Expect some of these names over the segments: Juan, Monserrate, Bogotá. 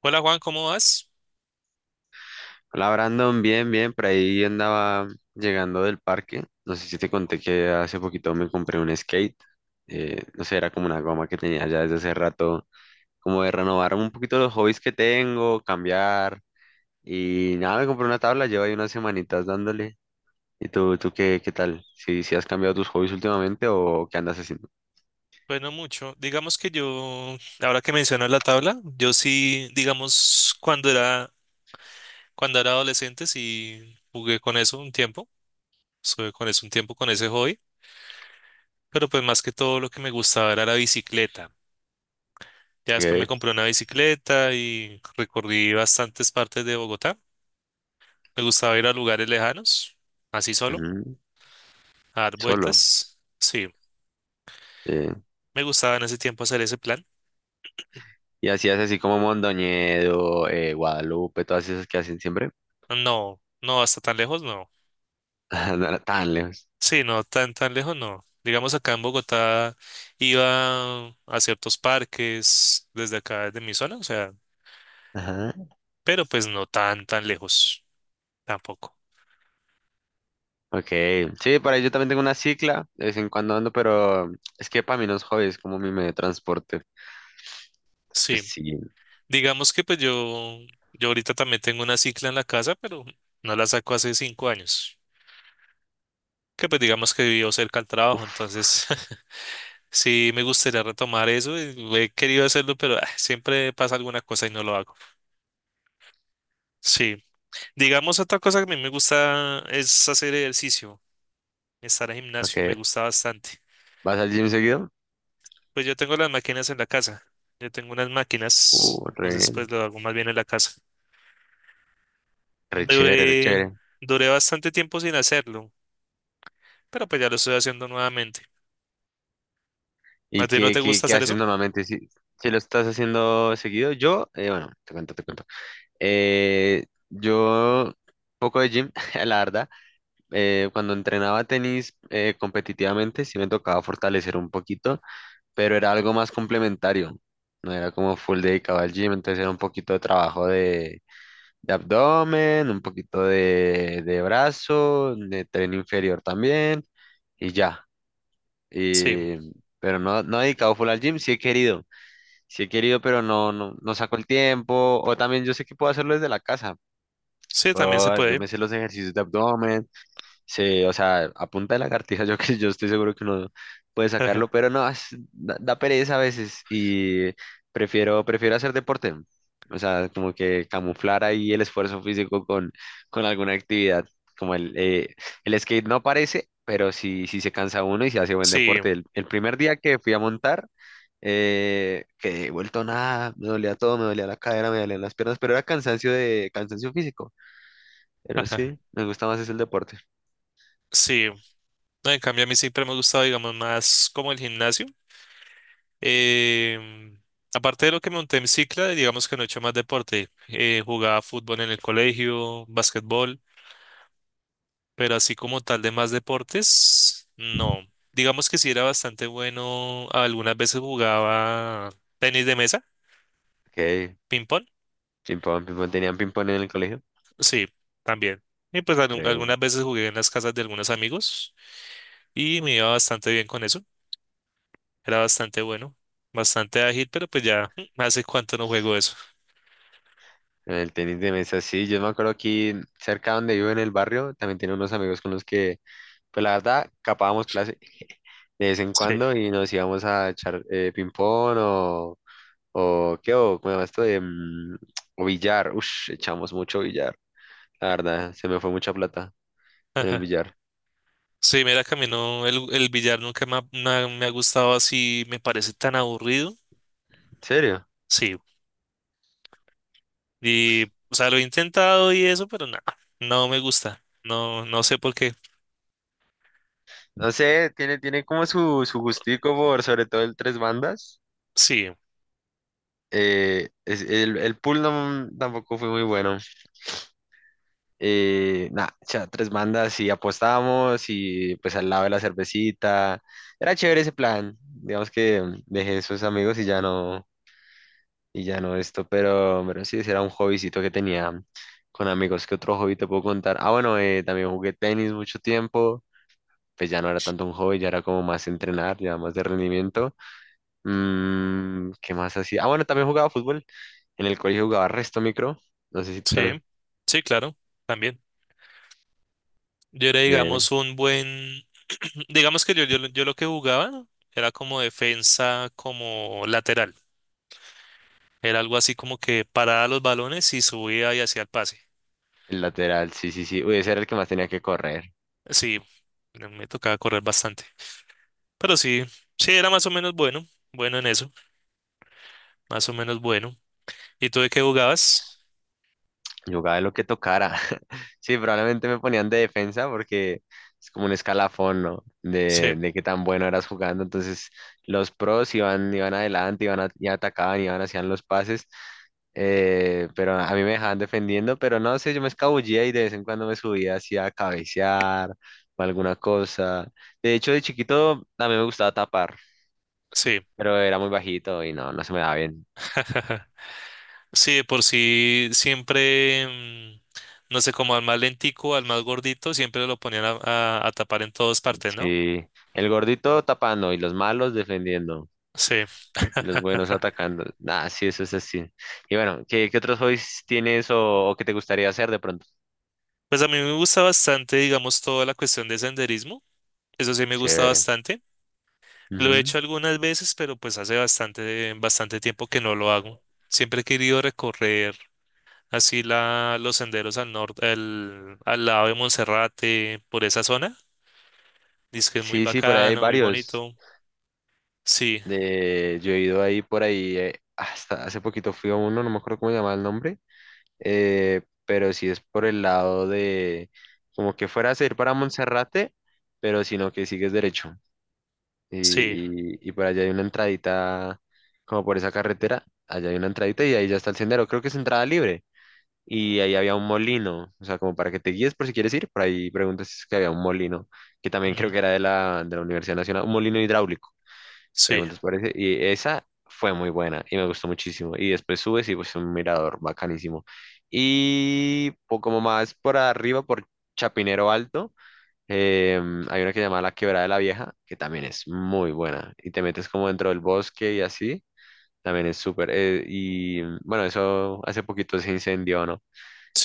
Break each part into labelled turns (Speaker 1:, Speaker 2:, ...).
Speaker 1: Hola Juan, ¿cómo vas?
Speaker 2: Hola Brandon, bien, bien, por ahí andaba llegando del parque. No sé si te conté que hace poquito me compré un skate. No sé, era como una goma que tenía ya desde hace rato, como de renovar un poquito los hobbies que tengo, cambiar. Y nada, me compré una tabla, llevo ahí unas semanitas dándole. ¿Y tú qué tal? ¿Si has cambiado tus hobbies últimamente o qué andas haciendo?
Speaker 1: Bueno, mucho. Digamos que yo, ahora que mencionas la tabla, yo sí, digamos, cuando era adolescente sí jugué con eso un tiempo, estuve con eso un tiempo con ese hobby, pero pues más que todo lo que me gustaba era la bicicleta. Ya después me
Speaker 2: Ok,
Speaker 1: compré una bicicleta y recorrí bastantes partes de Bogotá. Me gustaba ir a lugares lejanos, así solo,
Speaker 2: ujú,
Speaker 1: a dar
Speaker 2: Solo.
Speaker 1: vueltas. Sí,
Speaker 2: eh,
Speaker 1: me gustaba en ese tiempo hacer ese plan.
Speaker 2: Y hacías así como Mondoñedo, Guadalupe, todas esas que hacen siempre.
Speaker 1: No, no hasta tan lejos, no.
Speaker 2: No era tan lejos.
Speaker 1: Sí, no, tan lejos no. Digamos acá en Bogotá iba a ciertos parques desde acá, desde mi zona, o sea,
Speaker 2: Ajá.
Speaker 1: pero pues no tan lejos tampoco.
Speaker 2: Ok, sí, para ello también tengo una cicla, de vez en cuando ando, pero es que para mí no es hobby, es como mi medio de transporte. Pues
Speaker 1: Sí,
Speaker 2: sí,
Speaker 1: digamos que pues yo ahorita también tengo una cicla en la casa, pero no la saco hace 5 años. Que pues digamos que vivo cerca al trabajo, entonces sí me gustaría retomar eso. Y lo he querido hacerlo, pero siempre pasa alguna cosa y no lo hago. Sí, digamos otra cosa que a mí me gusta es hacer ejercicio. Estar al gimnasio,
Speaker 2: ok.
Speaker 1: me gusta bastante.
Speaker 2: ¿Vas al gym seguido?
Speaker 1: Pues yo tengo las máquinas en la casa, yo tengo unas máquinas,
Speaker 2: Uh, re,
Speaker 1: entonces pues lo hago más bien en la casa.
Speaker 2: re chévere, re
Speaker 1: Duré,
Speaker 2: chévere.
Speaker 1: duré bastante tiempo sin hacerlo, pero pues ya lo estoy haciendo nuevamente. ¿A
Speaker 2: ¿Y
Speaker 1: ti no
Speaker 2: qué,
Speaker 1: te
Speaker 2: qué,
Speaker 1: gusta
Speaker 2: qué
Speaker 1: hacer
Speaker 2: haces
Speaker 1: eso?
Speaker 2: normalmente si lo estás haciendo seguido? Yo, bueno, te cuento, te cuento. Yo, poco de gym, la verdad. Cuando entrenaba tenis, competitivamente, sí me tocaba fortalecer un poquito. Pero era algo más complementario. No era como full dedicado al gym, entonces era un poquito de trabajo de abdomen, un poquito de brazo, de tren inferior también, y ya.
Speaker 1: Sí,
Speaker 2: Y- pero no he dedicado full al gym, sí he querido, pero no saco el tiempo. O también yo sé que puedo hacerlo desde la casa.
Speaker 1: sí, también se
Speaker 2: Yo
Speaker 1: puede.
Speaker 2: me sé los ejercicios de abdomen. Sí, o sea, a punta de lagartija, yo que yo estoy seguro que uno puede sacarlo, pero no, da pereza a veces y prefiero, prefiero hacer deporte. O sea, como que camuflar ahí el esfuerzo físico con alguna actividad. Como el skate no parece, pero sí se cansa uno y se hace buen
Speaker 1: Sí,
Speaker 2: deporte. El primer día que fui a montar, que he vuelto nada, me dolía todo, me dolía la cadera, me dolían las piernas, pero era cansancio de cansancio físico. Pero
Speaker 1: ajá,
Speaker 2: sí, me gusta más es el deporte.
Speaker 1: sí. No, en cambio, a mí siempre me ha gustado, digamos, más como el gimnasio. Em, Aparte de lo que monté en cicla, digamos que no he hecho más deporte. Jugaba fútbol en el colegio, básquetbol. Pero así como tal de más deportes, no. Digamos que sí era bastante bueno. Algunas veces jugaba tenis de mesa,
Speaker 2: Ok.
Speaker 1: ping pong,
Speaker 2: Ping-pong, ping-pong. ¿Tenían ping-pong en el colegio?
Speaker 1: sí, también. Y pues
Speaker 2: Re bien.
Speaker 1: algunas veces jugué en las casas de algunos amigos y me iba bastante bien con eso. Era bastante bueno, bastante ágil, pero pues ya hace cuánto no juego eso.
Speaker 2: En el tenis de mesa, sí. Yo me acuerdo aquí cerca donde vivo en el barrio, también tenía unos amigos con los que, pues la verdad, capábamos clase de vez en
Speaker 1: Sí.
Speaker 2: cuando y nos íbamos a echar ping-pong o qué, o cómo se llama esto de o billar. Ush, echamos mucho billar. La verdad, se me fue mucha plata en el
Speaker 1: Ajá.
Speaker 2: billar.
Speaker 1: Sí, mira que a mí no, el billar nunca me ha, me ha gustado así, me parece tan aburrido.
Speaker 2: ¿En serio?
Speaker 1: Sí. Y, o sea, lo he intentado y eso, pero nada, no me gusta. No, no sé por qué.
Speaker 2: No sé, tiene como su gustico por sobre todo el tres bandas.
Speaker 1: Sí,
Speaker 2: El pool no, tampoco fue muy bueno. Nada, o tres bandas y apostábamos y pues al lado de la cervecita. Era chévere ese plan. Digamos que dejé esos amigos y ya no esto, pero sí, ese era un hobbycito que tenía con amigos. ¿Qué otro hobby te puedo contar? Ah, bueno, también jugué tenis mucho tiempo. Pues ya no era tanto un hobby, ya era como más entrenar, ya más de rendimiento. ¿Qué más hacía? Ah, bueno, también jugaba fútbol. En el colegio jugaba resto micro. No sé si tú
Speaker 1: sí,
Speaker 2: también.
Speaker 1: sí, claro, también. Yo era, digamos,
Speaker 2: Bien.
Speaker 1: un digamos que yo lo que jugaba, ¿no? Era como defensa, como lateral. Era algo así como que paraba los balones y subía y hacía el pase.
Speaker 2: El lateral, sí, sí, sí. Uy, ese era el que más tenía que correr.
Speaker 1: Sí, me tocaba correr bastante. Pero sí, sí, era más o menos bueno, bueno en eso, más o menos bueno. ¿Y tú de qué jugabas?
Speaker 2: Jugaba de lo que tocara. Sí, probablemente me ponían de defensa porque es como un escalafón, ¿no? De,
Speaker 1: Sí,
Speaker 2: de qué tan bueno eras jugando. Entonces, los pros iban, iban adelante, y atacaban, iban, hacían los pases. Pero a mí me dejaban defendiendo, pero no sé, yo me escabullía y de vez en cuando me subía así a cabecear o alguna cosa. De hecho, de chiquito a mí me gustaba tapar,
Speaker 1: sí.
Speaker 2: pero era muy bajito y no se me daba bien.
Speaker 1: Sí, de por sí siempre, no sé, como al más lentico, al más gordito, siempre lo ponían a, a tapar en todas partes, ¿no?
Speaker 2: Sí, el gordito tapando y los malos defendiendo
Speaker 1: Sí.
Speaker 2: y los buenos atacando. Nah, sí, eso es así. Y bueno, ¿qué otros hobbies tienes o que te gustaría hacer de pronto?
Speaker 1: Pues a mí me gusta bastante, digamos, toda la cuestión de senderismo. Eso sí me gusta
Speaker 2: Chévere.
Speaker 1: bastante. Lo he
Speaker 2: Ujú.
Speaker 1: hecho algunas veces, pero pues hace bastante, bastante tiempo que no lo hago. Siempre he querido recorrer así los senderos al norte, al lado de Monserrate, por esa zona. Dice que es muy
Speaker 2: Sí, sí, por ahí hay
Speaker 1: bacano, muy
Speaker 2: varios.
Speaker 1: bonito. Sí,
Speaker 2: Yo he ido ahí por ahí, hasta hace poquito fui a uno, no me acuerdo cómo se llamaba el nombre, pero sí es por el lado de como que fueras a ir para Monserrate, pero sino que sigues derecho.
Speaker 1: sí,
Speaker 2: Y por allá hay una entradita, como por esa carretera, allá hay una entradita y ahí ya está el sendero, creo que es entrada libre. Y ahí había un molino, o sea, como para que te guíes por si quieres ir, por ahí preguntas si es que había un molino, que también creo
Speaker 1: mm,
Speaker 2: que era de la Universidad Nacional, un molino hidráulico,
Speaker 1: sí,
Speaker 2: preguntas por ese, y esa fue muy buena y me gustó muchísimo. Y después subes y pues un mirador bacanísimo. Y poco más por arriba, por Chapinero Alto, hay una que se llama La Quebrada de la Vieja, que también es muy buena. Y te metes como dentro del bosque y así, también es súper. Y bueno, eso hace poquito se incendió, ¿no?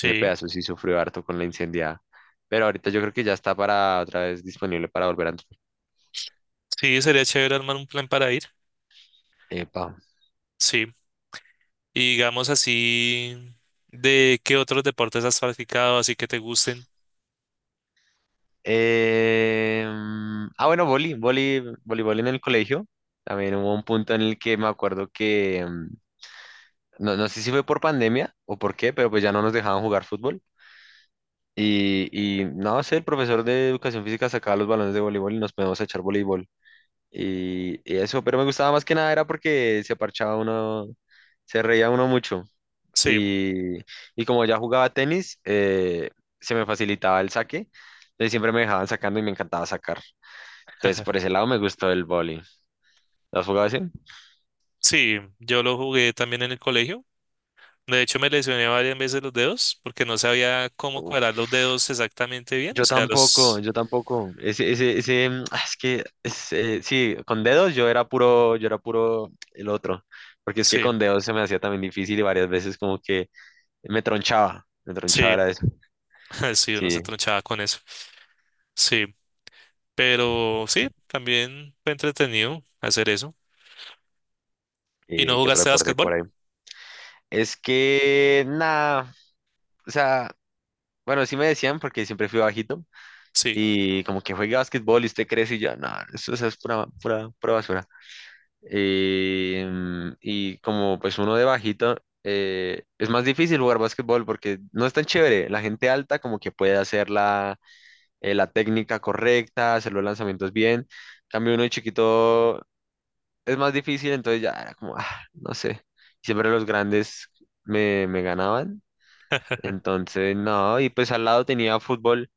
Speaker 2: Ese pedazo sí sufrió harto con la incendiada. Pero ahorita yo creo que ya está para otra vez disponible para volver a entrar.
Speaker 1: Sí, sería chévere armar un plan para ir.
Speaker 2: Epa.
Speaker 1: Sí. Y digamos así, ¿de qué otros deportes has practicado así que te gusten?
Speaker 2: Ah, bueno, voleibol en el colegio. También hubo un punto en el que me acuerdo que, no sé si fue por pandemia o por qué, pero pues ya no nos dejaban jugar fútbol. Y, y no sé, el profesor de educación física sacaba los balones de voleibol y nos poníamos a echar voleibol. Y eso, pero me gustaba más que nada era porque se parchaba uno, se reía uno mucho.
Speaker 1: Sí.
Speaker 2: Y, y como ya jugaba tenis, se me facilitaba el saque. Entonces siempre me dejaban sacando y me encantaba sacar. Entonces por ese lado me gustó el voleibol. ¿Lo has jugado así?
Speaker 1: Sí, yo lo jugué también en el colegio. De hecho, me lesioné varias veces los dedos porque no sabía cómo cuadrar los dedos exactamente bien. O
Speaker 2: Yo
Speaker 1: sea,
Speaker 2: tampoco,
Speaker 1: los...
Speaker 2: yo tampoco. Ese, es que, es, sí, con dedos yo era puro el otro, porque es que
Speaker 1: Sí,
Speaker 2: con dedos se me hacía también difícil y varias veces como que me tronchaba
Speaker 1: sí,
Speaker 2: era eso.
Speaker 1: sí, uno
Speaker 2: Sí,
Speaker 1: se tronchaba con eso. Sí, pero sí, también fue entretenido hacer eso. ¿Y no
Speaker 2: ¿qué otro
Speaker 1: jugaste
Speaker 2: deporte
Speaker 1: básquetbol?
Speaker 2: por ahí? Es que, nada, o sea, bueno, sí me decían porque siempre fui bajito
Speaker 1: Sí,
Speaker 2: y como que juegue básquetbol y usted crece y yo, no, eso es pura, pura, pura basura. Y como pues uno de bajito, es más difícil jugar básquetbol porque no es tan chévere. La gente alta como que puede hacer la técnica correcta, hacer los lanzamientos bien. En cambio uno de chiquito es más difícil, entonces ya era como, no sé. Siempre los grandes me ganaban. Entonces, no, y pues al lado tenía fútbol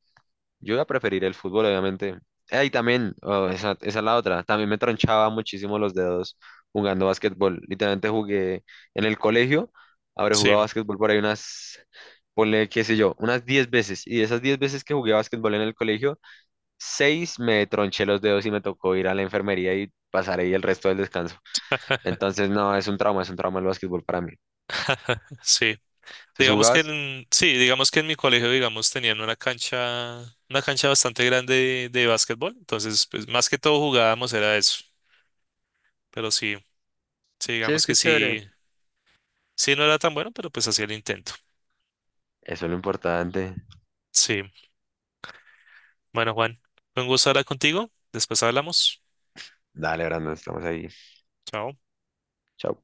Speaker 2: yo iba a preferir el fútbol, obviamente. Y también, oh, esa es la otra, también me tronchaba muchísimo los dedos jugando básquetbol. Literalmente jugué en el colegio, habré
Speaker 1: sí,
Speaker 2: jugado básquetbol por ahí unas, ponle, qué sé yo, unas 10 veces. Y de esas 10 veces que jugué básquetbol en el colegio, 6 me tronché los dedos y me tocó ir a la enfermería y pasar ahí el resto del descanso. Entonces, no, es un trauma el básquetbol para mí.
Speaker 1: sí.
Speaker 2: ¿Tú sí
Speaker 1: Digamos que
Speaker 2: jugabas?
Speaker 1: en, sí, digamos que en mi colegio, digamos, tenían una cancha bastante grande de básquetbol, entonces, pues más que todo jugábamos era eso, pero sí, sí,
Speaker 2: Sí, es
Speaker 1: digamos
Speaker 2: que
Speaker 1: que
Speaker 2: es chévere.
Speaker 1: sí, sí no era tan bueno, pero pues hacía el intento.
Speaker 2: Eso es lo importante.
Speaker 1: Sí, bueno, Juan, fue un gusto hablar contigo, después hablamos,
Speaker 2: Dale, Brandon, estamos ahí.
Speaker 1: chao.
Speaker 2: Chao.